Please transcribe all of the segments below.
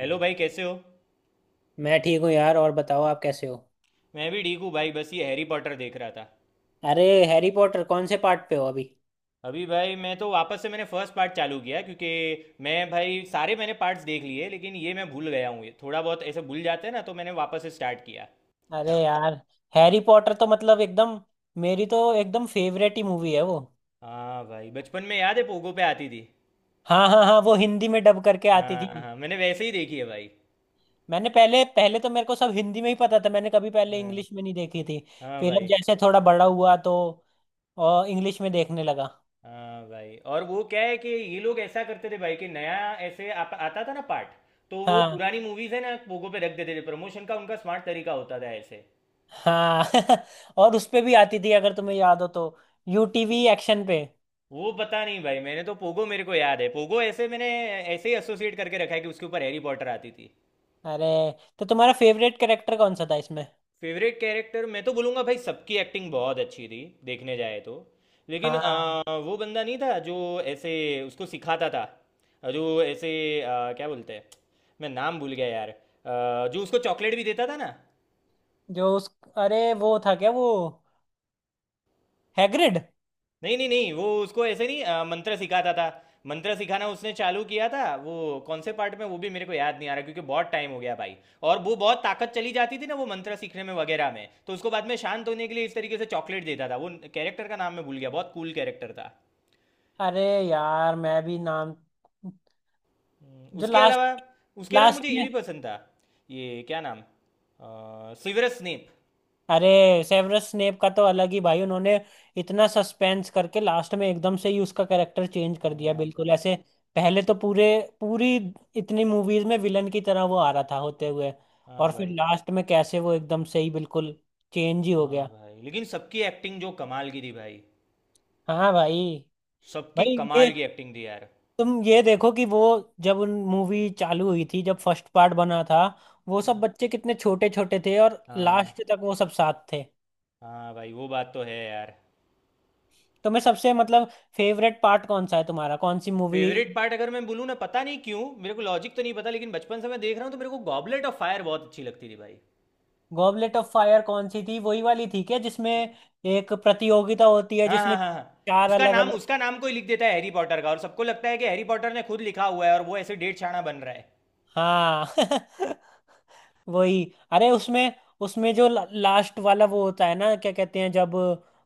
Hello भाई, कैसे हो? मैं ठीक हूँ यार। और बताओ, आप कैसे हो? मैं भी ठीक हूँ भाई, बस ये हैरी पॉटर देख रहा था। अरे, हैरी पॉटर कौन से पार्ट पे हो अभी? अभी भाई मैं तो वापस से मैंने फर्स्ट पार्ट चालू किया, क्योंकि मैं भाई सारे मैंने पार्ट्स देख लिए, लेकिन ये मैं भूल गया हूँ, ये थोड़ा बहुत ऐसे भूल जाते हैं ना, तो मैंने वापस से स्टार्ट किया। अरे यार, हैरी पॉटर तो मतलब एकदम, मेरी तो एकदम फेवरेट ही मूवी है वो। हाँ भाई, बचपन में याद है पोगो पे आती थी। हाँ हाँ हाँ, वो हिंदी में डब करके आती हाँ थी। हाँ, मैंने वैसे ही देखी है भाई। मैंने पहले पहले तो मेरे को सब हिंदी में ही पता था, मैंने कभी पहले हाँ इंग्लिश में नहीं देखी थी। हाँ फिर अब भाई। जैसे थोड़ा बड़ा हुआ तो और इंग्लिश में देखने लगा। हाँ भाई, और वो क्या है कि ये लोग ऐसा करते थे भाई कि नया ऐसे आता था ना पार्ट। तो वो हाँ पुरानी मूवीज है ना, पोगो पे रख देते थे, प्रमोशन का उनका स्मार्ट तरीका होता था ऐसे। हाँ और उस पे भी आती थी अगर तुम्हें याद हो तो, यूटीवी एक्शन पे। वो पता नहीं भाई, मैंने तो पोगो मेरे को याद है, पोगो ऐसे मैंने ऐसे ही एसोसिएट करके रखा है कि उसके ऊपर हैरी पॉटर आती थी। अरे, तो तुम्हारा फेवरेट कैरेक्टर कौन सा था इसमें? फेवरेट कैरेक्टर मैं तो बोलूँगा भाई, सबकी एक्टिंग बहुत अच्छी थी देखने जाए तो। लेकिन हाँ। वो बंदा नहीं था जो ऐसे उसको सिखाता था, जो ऐसे अ, क्या बोलते हैं, मैं नाम भूल गया यार, जो उसको चॉकलेट भी देता था ना। जो उस अरे, वो था क्या वो, हैग्रिड? नहीं नहीं नहीं, वो उसको ऐसे नहीं मंत्र सिखाता था। मंत्र सिखाना उसने चालू किया था वो। कौन से पार्ट में, वो भी मेरे को याद नहीं आ रहा, क्योंकि बहुत टाइम हो गया भाई। और वो बहुत ताकत चली जाती थी ना वो मंत्र सीखने में वगैरह में, तो उसको बाद में शांत होने के लिए इस तरीके से चॉकलेट देता था वो। कैरेक्टर का नाम मैं भूल गया, बहुत कूल कैरेक्टर था। अरे यार, मैं भी नाम हम्म, जो उसके अलावा लास्ट उसके अलावा लास्ट मुझे ये में, भी पसंद था। ये क्या नाम, सिवरस स्नेप। अरे सेवरस स्नेप का तो अलग ही भाई, उन्होंने इतना सस्पेंस करके लास्ट में एकदम से ही उसका कैरेक्टर चेंज कर दिया, हाँ बिल्कुल भाई। ऐसे। पहले तो पूरे पूरी इतनी मूवीज में विलन की तरह वो आ रहा था होते हुए, हाँ और फिर भाई। लास्ट में कैसे वो एकदम से ही बिल्कुल चेंज ही हो हाँ गया। भाई, लेकिन सबकी एक्टिंग जो कमाल की थी भाई। हाँ भाई। सबकी भाई ये कमाल की एक्टिंग थी यार। तुम ये देखो कि वो, जब उन मूवी चालू हुई थी, जब फर्स्ट पार्ट बना था, वो सब हम्म। बच्चे कितने छोटे छोटे थे और हाँ। लास्ट तक वो सब साथ थे। हाँ भाई वो बात तो है यार। तुम्हें सबसे मतलब फेवरेट पार्ट कौन सा है तुम्हारा, कौन सी मूवी? फेवरेट पार्ट अगर मैं बोलूँ ना, पता नहीं क्यों मेरे को लॉजिक तो नहीं पता, लेकिन बचपन से मैं देख रहा हूँ तो मेरे को गॉबलेट ऑफ फायर बहुत अच्छी लगती थी भाई। गॉबलेट ऑफ फायर कौन सी थी? वही वाली थी क्या जिसमें एक प्रतियोगिता होती है हाँ हाँ जिसमें हाँ हाँ। चार उसका अलग नाम अलग। उसका नाम कोई लिख देता है हैरी पॉटर का, और सबको लगता है कि हैरी पॉटर ने खुद लिखा हुआ है, और वो ऐसे डेढ़ छाना बन रहा है। हाँ वही। अरे उसमें, उसमें जो लास्ट वाला वो होता है ना, क्या कहते हैं, जब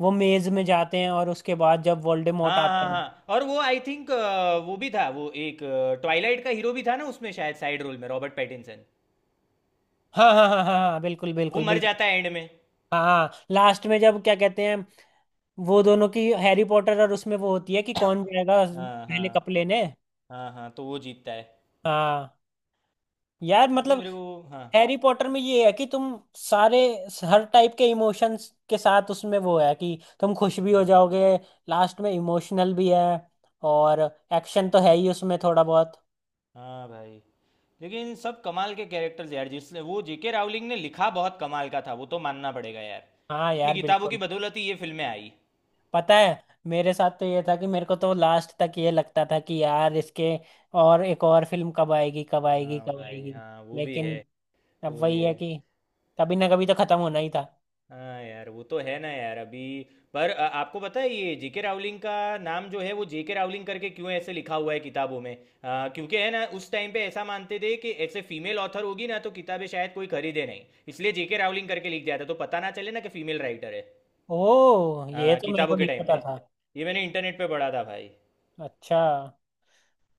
वो मेज में जाते हैं और उसके बाद जब हाँ वोल्डेमॉर्ट आता हाँ है। हाँ, और वो आई थिंक वो भी था, वो एक ट्वाइलाइट का हीरो भी था ना उसमें शायद, साइड रोल में, रॉबर्ट पैटिंसन। हाँ हाँ हाँ हाँ हाँ, बिल्कुल वो बिल्कुल मर बिल्कुल। जाता है एंड में। हाँ हाँ, लास्ट में, जब क्या कहते हैं, वो दोनों की हैरी पॉटर और उसमें वो होती है कि कौन जाएगा हाँ पहले हाँ कप लेने। हाँ हाँ, तो वो जीतता है। हाँ, यार वो मतलब मेरे को। हाँ। हैरी पॉटर में ये है कि तुम सारे हर टाइप के इमोशंस के साथ, उसमें वो है कि तुम खुश भी हो जाओगे, लास्ट में इमोशनल भी है, और एक्शन तो है ही उसमें थोड़ा बहुत। हाँ भाई, लेकिन सब कमाल के कैरेक्टर्स यार, जिसने वो जेके रावलिंग ने लिखा बहुत कमाल का था, वो तो मानना पड़ेगा यार। हाँ उसकी यार, किताबों की बिल्कुल। बदौलत ही ये फिल्में आई। पता है, मेरे साथ तो ये था कि मेरे को तो लास्ट तक ये लगता था कि यार इसके और एक और फिल्म कब आएगी, कब आएगी, हाँ कब भाई, आएगी। हाँ वो भी है। लेकिन अब वो भी वही है है। कि कभी ना कभी तो खत्म होना ही था। हाँ यार वो तो है ना यार, अभी। पर आपको पता है ये जेके रावलिंग का नाम जो है, वो जेके रावलिंग करके क्यों ऐसे लिखा हुआ है किताबों में, क्योंकि है ना उस टाइम पे ऐसा मानते थे कि ऐसे फीमेल ऑथर होगी ना तो किताबें शायद कोई खरीदे नहीं। इसलिए जेके रावलिंग करके लिख दिया था, तो पता ना चले ना कि फीमेल राइटर है। ओ, ये हाँ तो मेरे किताबों को के नहीं टाइम पता पे। था। ये मैंने इंटरनेट पे पढ़ा था भाई। अच्छा,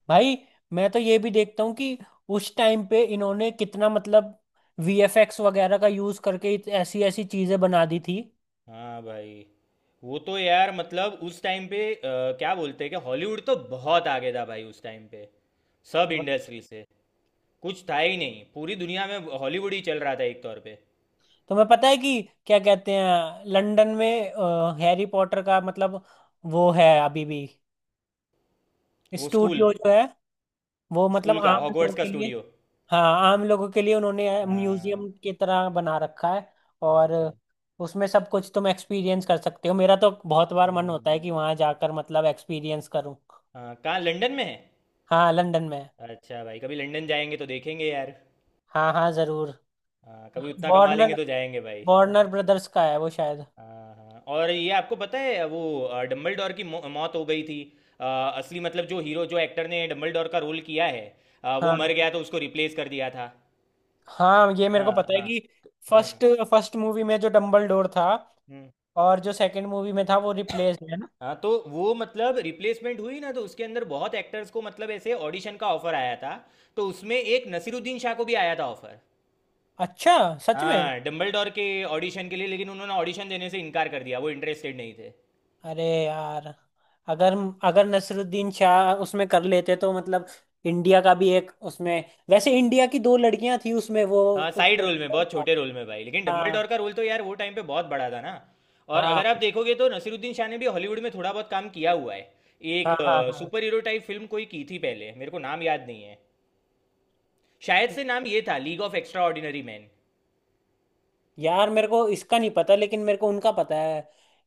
भाई मैं तो ये भी देखता हूँ कि उस टाइम पे इन्होंने कितना, मतलब वीएफएक्स वगैरह का यूज करके ऐसी ऐसी चीजें बना दी थी। हाँ भाई, वो तो यार मतलब उस टाइम पे क्या बोलते हैं कि हॉलीवुड तो बहुत आगे था भाई उस टाइम पे, सब इंडस्ट्री से, कुछ था ही नहीं, पूरी दुनिया में हॉलीवुड ही चल रहा था एक तौर पे। तुम्हें पता है कि क्या कहते हैं, लंदन में हैरी पॉटर का मतलब वो है अभी भी, वो स्कूल स्टूडियो जो है वो, मतलब स्कूल का आम हॉगवर्ट्स लोगों का के लिए, स्टूडियो। हाँ आम लोगों के लिए उन्होंने हाँ। म्यूजियम की तरह बना रखा है। और अच्छा। उसमें सब कुछ तुम एक्सपीरियंस कर सकते हो, मेरा तो बहुत बार मन हम्म। होता है कि वहां जाकर मतलब एक्सपीरियंस करूँ। हाँ कहाँ, लंदन में है? हाँ लंदन में। अच्छा भाई, कभी लंदन जाएंगे तो देखेंगे यार। हाँ हाँ जरूर। हाँ कभी उतना कमा वार्नर, लेंगे तो जाएंगे भाई। वार्नर ब्रदर्स का है वो शायद। हाँ हाँ, और ये आपको पता है वो डम्बलडोर की मौत हो गई थी। असली मतलब, जो हीरो, जो एक्टर ने डम्बलडोर का रोल किया है, वो हाँ मर गया, तो उसको रिप्लेस कर दिया था। हाँ, ये मेरे को हाँ पता है हाँ कि हाँ। फर्स्ट फर्स्ट मूवी में जो डम्बलडोर था, हम्म। और जो सेकंड मूवी में था, वो रिप्लेस्ड है ना। हाँ, तो वो मतलब रिप्लेसमेंट हुई ना, तो उसके अंदर बहुत एक्टर्स को मतलब ऐसे ऑडिशन का ऑफर आया था। तो उसमें एक नसीरुद्दीन शाह को भी आया था ऑफर। अच्छा, सच में? हाँ, डम्बलडोर के ऑडिशन के लिए, लेकिन उन्होंने ऑडिशन देने से इनकार कर दिया, वो इंटरेस्टेड नहीं थे। अरे यार, अगर अगर नसरुद्दीन शाह उसमें कर लेते तो मतलब इंडिया का भी एक उसमें। वैसे इंडिया की दो लड़कियां थी उसमें वो हाँ वो साइड क्या रोल में, नाम बहुत था? छोटे रोल में भाई, लेकिन डम्बलडोर हाँ का रोल तो यार वो टाइम पे बहुत बड़ा था ना। और हाँ अगर आप देखोगे तो नसीरुद्दीन शाह ने भी हॉलीवुड में थोड़ा बहुत काम किया हुआ है। एक हाँ हाँ हाँ। सुपर हीरो टाइप फिल्म कोई की थी पहले, मेरे को नाम याद नहीं है। शायद से नाम ये था, League of Extraordinary man. यार मेरे को इसका नहीं पता, लेकिन मेरे को उनका पता है,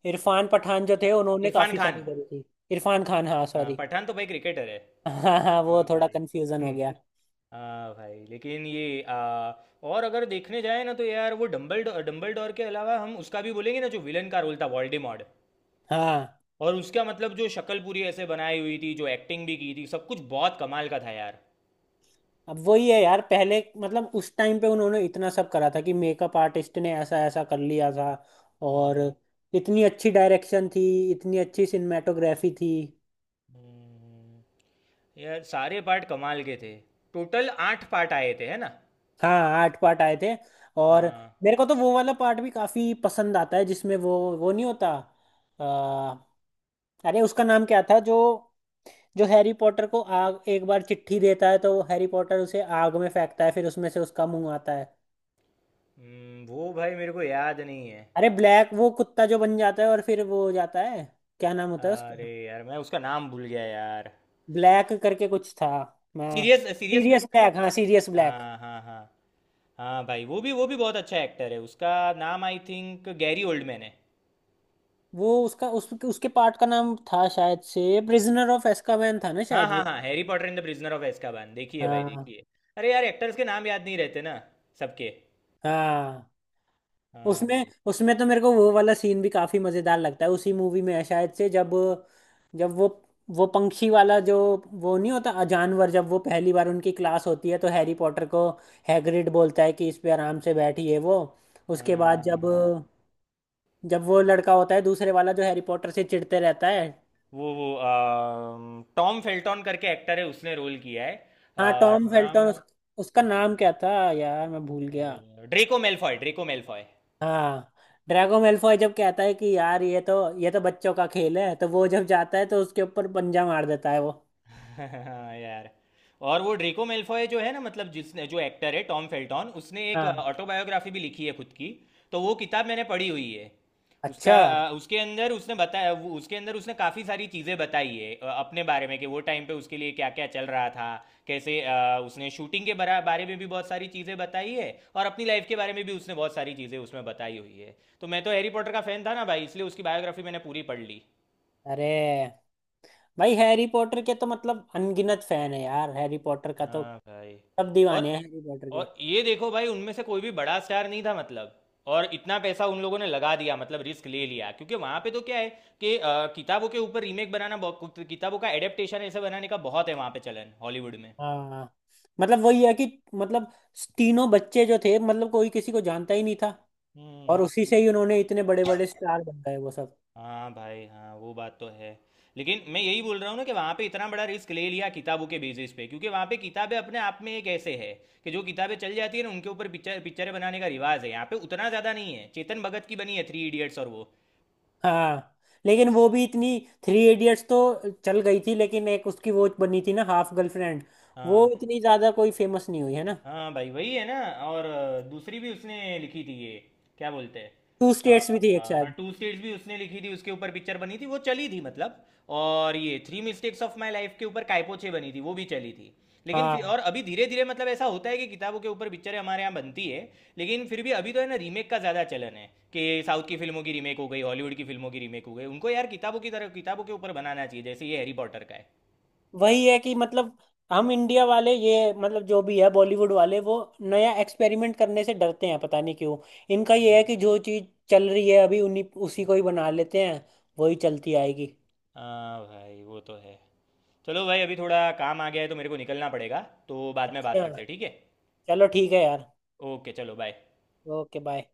इरफान पठान जो थे, उन्होंने इरफान काफी खान। सारी करी थी। इरफान खान हाँ हाँ, सॉरी। पठान तो भाई क्रिकेटर है। हाँ हाँ, हाँ वो थोड़ा भाई। कंफ्यूजन हम्म, हो गया। हाँ भाई, लेकिन ये और अगर देखने जाए ना तो यार वो डम्बल डम्बल डोर के अलावा हम उसका भी बोलेंगे ना, जो विलन का रोल था, वोल्डेमॉर्ट। हाँ। और उसका मतलब जो शक्ल पूरी ऐसे बनाई हुई थी, जो एक्टिंग भी की थी, सब कुछ बहुत कमाल का था यार। अब वही है यार, पहले मतलब उस टाइम पे उन्होंने इतना सब करा था कि मेकअप आर्टिस्ट ने ऐसा ऐसा कर लिया था। और हम्म, इतनी अच्छी डायरेक्शन थी, इतनी अच्छी सिनेमेटोग्राफी थी। हम्म, यार सारे पार्ट कमाल के थे। टोटल आठ पार्ट आए थे है ना। हाँ 8 पार्ट आए थे। और हाँ। मेरे को तो वो वाला पार्ट भी काफी पसंद आता है, जिसमें वो नहीं होता, आ, अरे उसका नाम क्या था, जो, जो हैरी पॉटर को आग एक बार चिट्ठी देता है, तो हैरी पॉटर उसे आग में फेंकता है, फिर उसमें से उसका मुंह आता है। वो भाई मेरे को याद नहीं है। अरे ब्लैक, वो कुत्ता जो बन जाता है और फिर वो हो जाता है, क्या नाम होता है उसका, अरे यार मैं उसका नाम भूल गया यार। ब्लैक करके कुछ था, मैं। Sirius Sirius Sirius Black. Black, हाँ सीरियस ब्लैक। हाँ हाँ हाँ। हाँ भाई, वो भी बहुत अच्छा एक्टर है, उसका नाम आई थिंक गैरी ओल्डमैन है। वो उसका उसके पार्ट का नाम था शायद से प्रिजनर ऑफ एस्कावेन था ना हाँ शायद हाँ वो। हाँ, Harry Potter and the Prisoner of एazkaban, देखिए भाई हाँ देखिए। अरे यार, एक्टर्स के नाम याद नहीं रहते ना, सबके। हाँ। हाँ उसमें, भाई। उसमें तो मेरे को वो वाला सीन भी काफी मजेदार लगता है, उसी मूवी में है शायद से, जब, जब वो पंक्षी वाला जो, वो नहीं होता जानवर, जब वो पहली बार उनकी क्लास होती है तो हैरी पॉटर को, हैग्रिड बोलता है कि इस पे आराम से बैठिए वो। उसके हाँ बाद हाँ जब, हाँ, जब वो लड़का होता है दूसरे वाला जो हैरी पॉटर से चिढ़ते रहता है। टॉम फेल्टॉन करके एक्टर है, उसने रोल किया है। हाँ टॉम नाम। फेल्टन, उसका नाम क्या था यार, मैं भूल गया। अरे ड्रेको मेलफॉय, ड्रेको मेलफॉय। हाँ, ड्रैगो मेल्फॉय जब कहता है कि यार ये तो, ये तो बच्चों का खेल है, तो वो जब जाता है तो उसके ऊपर पंजा मार देता है वो। हाँ यार। और वो ड्रेको मेलफॉय जो है ना, मतलब जिसने, जो एक्टर है टॉम फेल्टॉन, उसने एक हाँ। ऑटोबायोग्राफी भी लिखी है खुद की। तो वो किताब मैंने पढ़ी हुई है। उसका अच्छा। उसके अंदर उसने बताया उसके अंदर उसने काफ़ी सारी चीज़ें बताई है, अपने बारे में, कि वो टाइम पे उसके लिए क्या क्या चल रहा था। कैसे उसने शूटिंग के बारे में भी बहुत सारी चीज़ें बताई है। और अपनी लाइफ के बारे में भी उसने बहुत सारी चीज़ें उसमें बताई हुई है, तो मैं तो हैरी पॉटर का फ़ैन था ना भाई, इसलिए उसकी बायोग्राफी मैंने पूरी पढ़ ली। अरे भाई, हैरी पॉटर के तो मतलब अनगिनत फैन है यार, हैरी पॉटर का तो हाँ भाई। सब और दीवाने हैं हैरी पॉटर के। और ये देखो भाई, उनमें से कोई भी बड़ा स्टार नहीं था मतलब, और इतना पैसा उन लोगों ने लगा दिया, मतलब रिस्क ले लिया, क्योंकि वहां पे तो क्या है कि किताबों के ऊपर रीमेक बनाना किताबों का एडेप्टेशन ऐसे बनाने का बहुत है वहां पे चलन, हॉलीवुड में। हाँ, मतलब वही है कि मतलब तीनों बच्चे जो थे, मतलब कोई किसी को जानता ही नहीं था, हम्म। हम्म। और उसी से ही उन्होंने इतने बड़े बड़े स्टार बन गए वो सब। हाँ भाई, हाँ वो बात तो है। लेकिन मैं यही बोल रहा हूँ ना कि वहाँ पे इतना बड़ा रिस्क ले लिया किताबों के बेसिस पे, क्योंकि वहाँ पे किताबें अपने आप में एक ऐसे है कि जो किताबें चल जाती है ना, उनके ऊपर पिक्चरें बनाने का रिवाज है, यहाँ पे उतना ज़्यादा नहीं है। चेतन भगत की बनी है थ्री इडियट्स, और वो। हाँ, लेकिन वो भी इतनी, थ्री इडियट्स तो चल गई थी, लेकिन एक उसकी वो बनी थी ना, हाफ गर्लफ्रेंड, वो हाँ इतनी ज्यादा कोई फेमस नहीं हुई है ना। हाँ भाई, वही है ना। और दूसरी भी उसने लिखी थी ये, क्या बोलते हैं, टू स्टेट्स भी थी एक हाँ शायद। टू स्टेट्स भी उसने लिखी थी, उसके ऊपर पिक्चर बनी थी, वो चली थी मतलब। और ये three mistakes of my life के ऊपर कायपोचे बनी थी, वो भी चली थी। लेकिन फिर हाँ, और अभी धीरे धीरे मतलब ऐसा होता है कि किताबों के ऊपर पिक्चरें हमारे यहाँ बनती है। लेकिन फिर भी अभी तो है ना, रीमेक का ज़्यादा चलन है, कि साउथ की फिल्मों की रीमेक हो गई, हॉलीवुड की फिल्मों की रीमेक हो गई, उनको यार किताबों की तरह किताबों के ऊपर बनाना चाहिए, जैसे ये हैरी पॉटर का है। वही है कि मतलब हम इंडिया वाले, ये मतलब जो भी है बॉलीवुड वाले, वो नया एक्सपेरिमेंट करने से डरते हैं, पता नहीं क्यों। इनका ये है कि जो चीज चल रही है अभी, उन्हीं, उसी को ही बना लेते हैं, वही चलती आएगी। हाँ भाई, वो तो है। चलो भाई, अभी थोड़ा काम आ गया है तो मेरे को निकलना पड़ेगा। तो बाद में बात अच्छा। करते हैं, ठीक है? चलो ठीक है यार। ओके चलो बाय। Okay bye.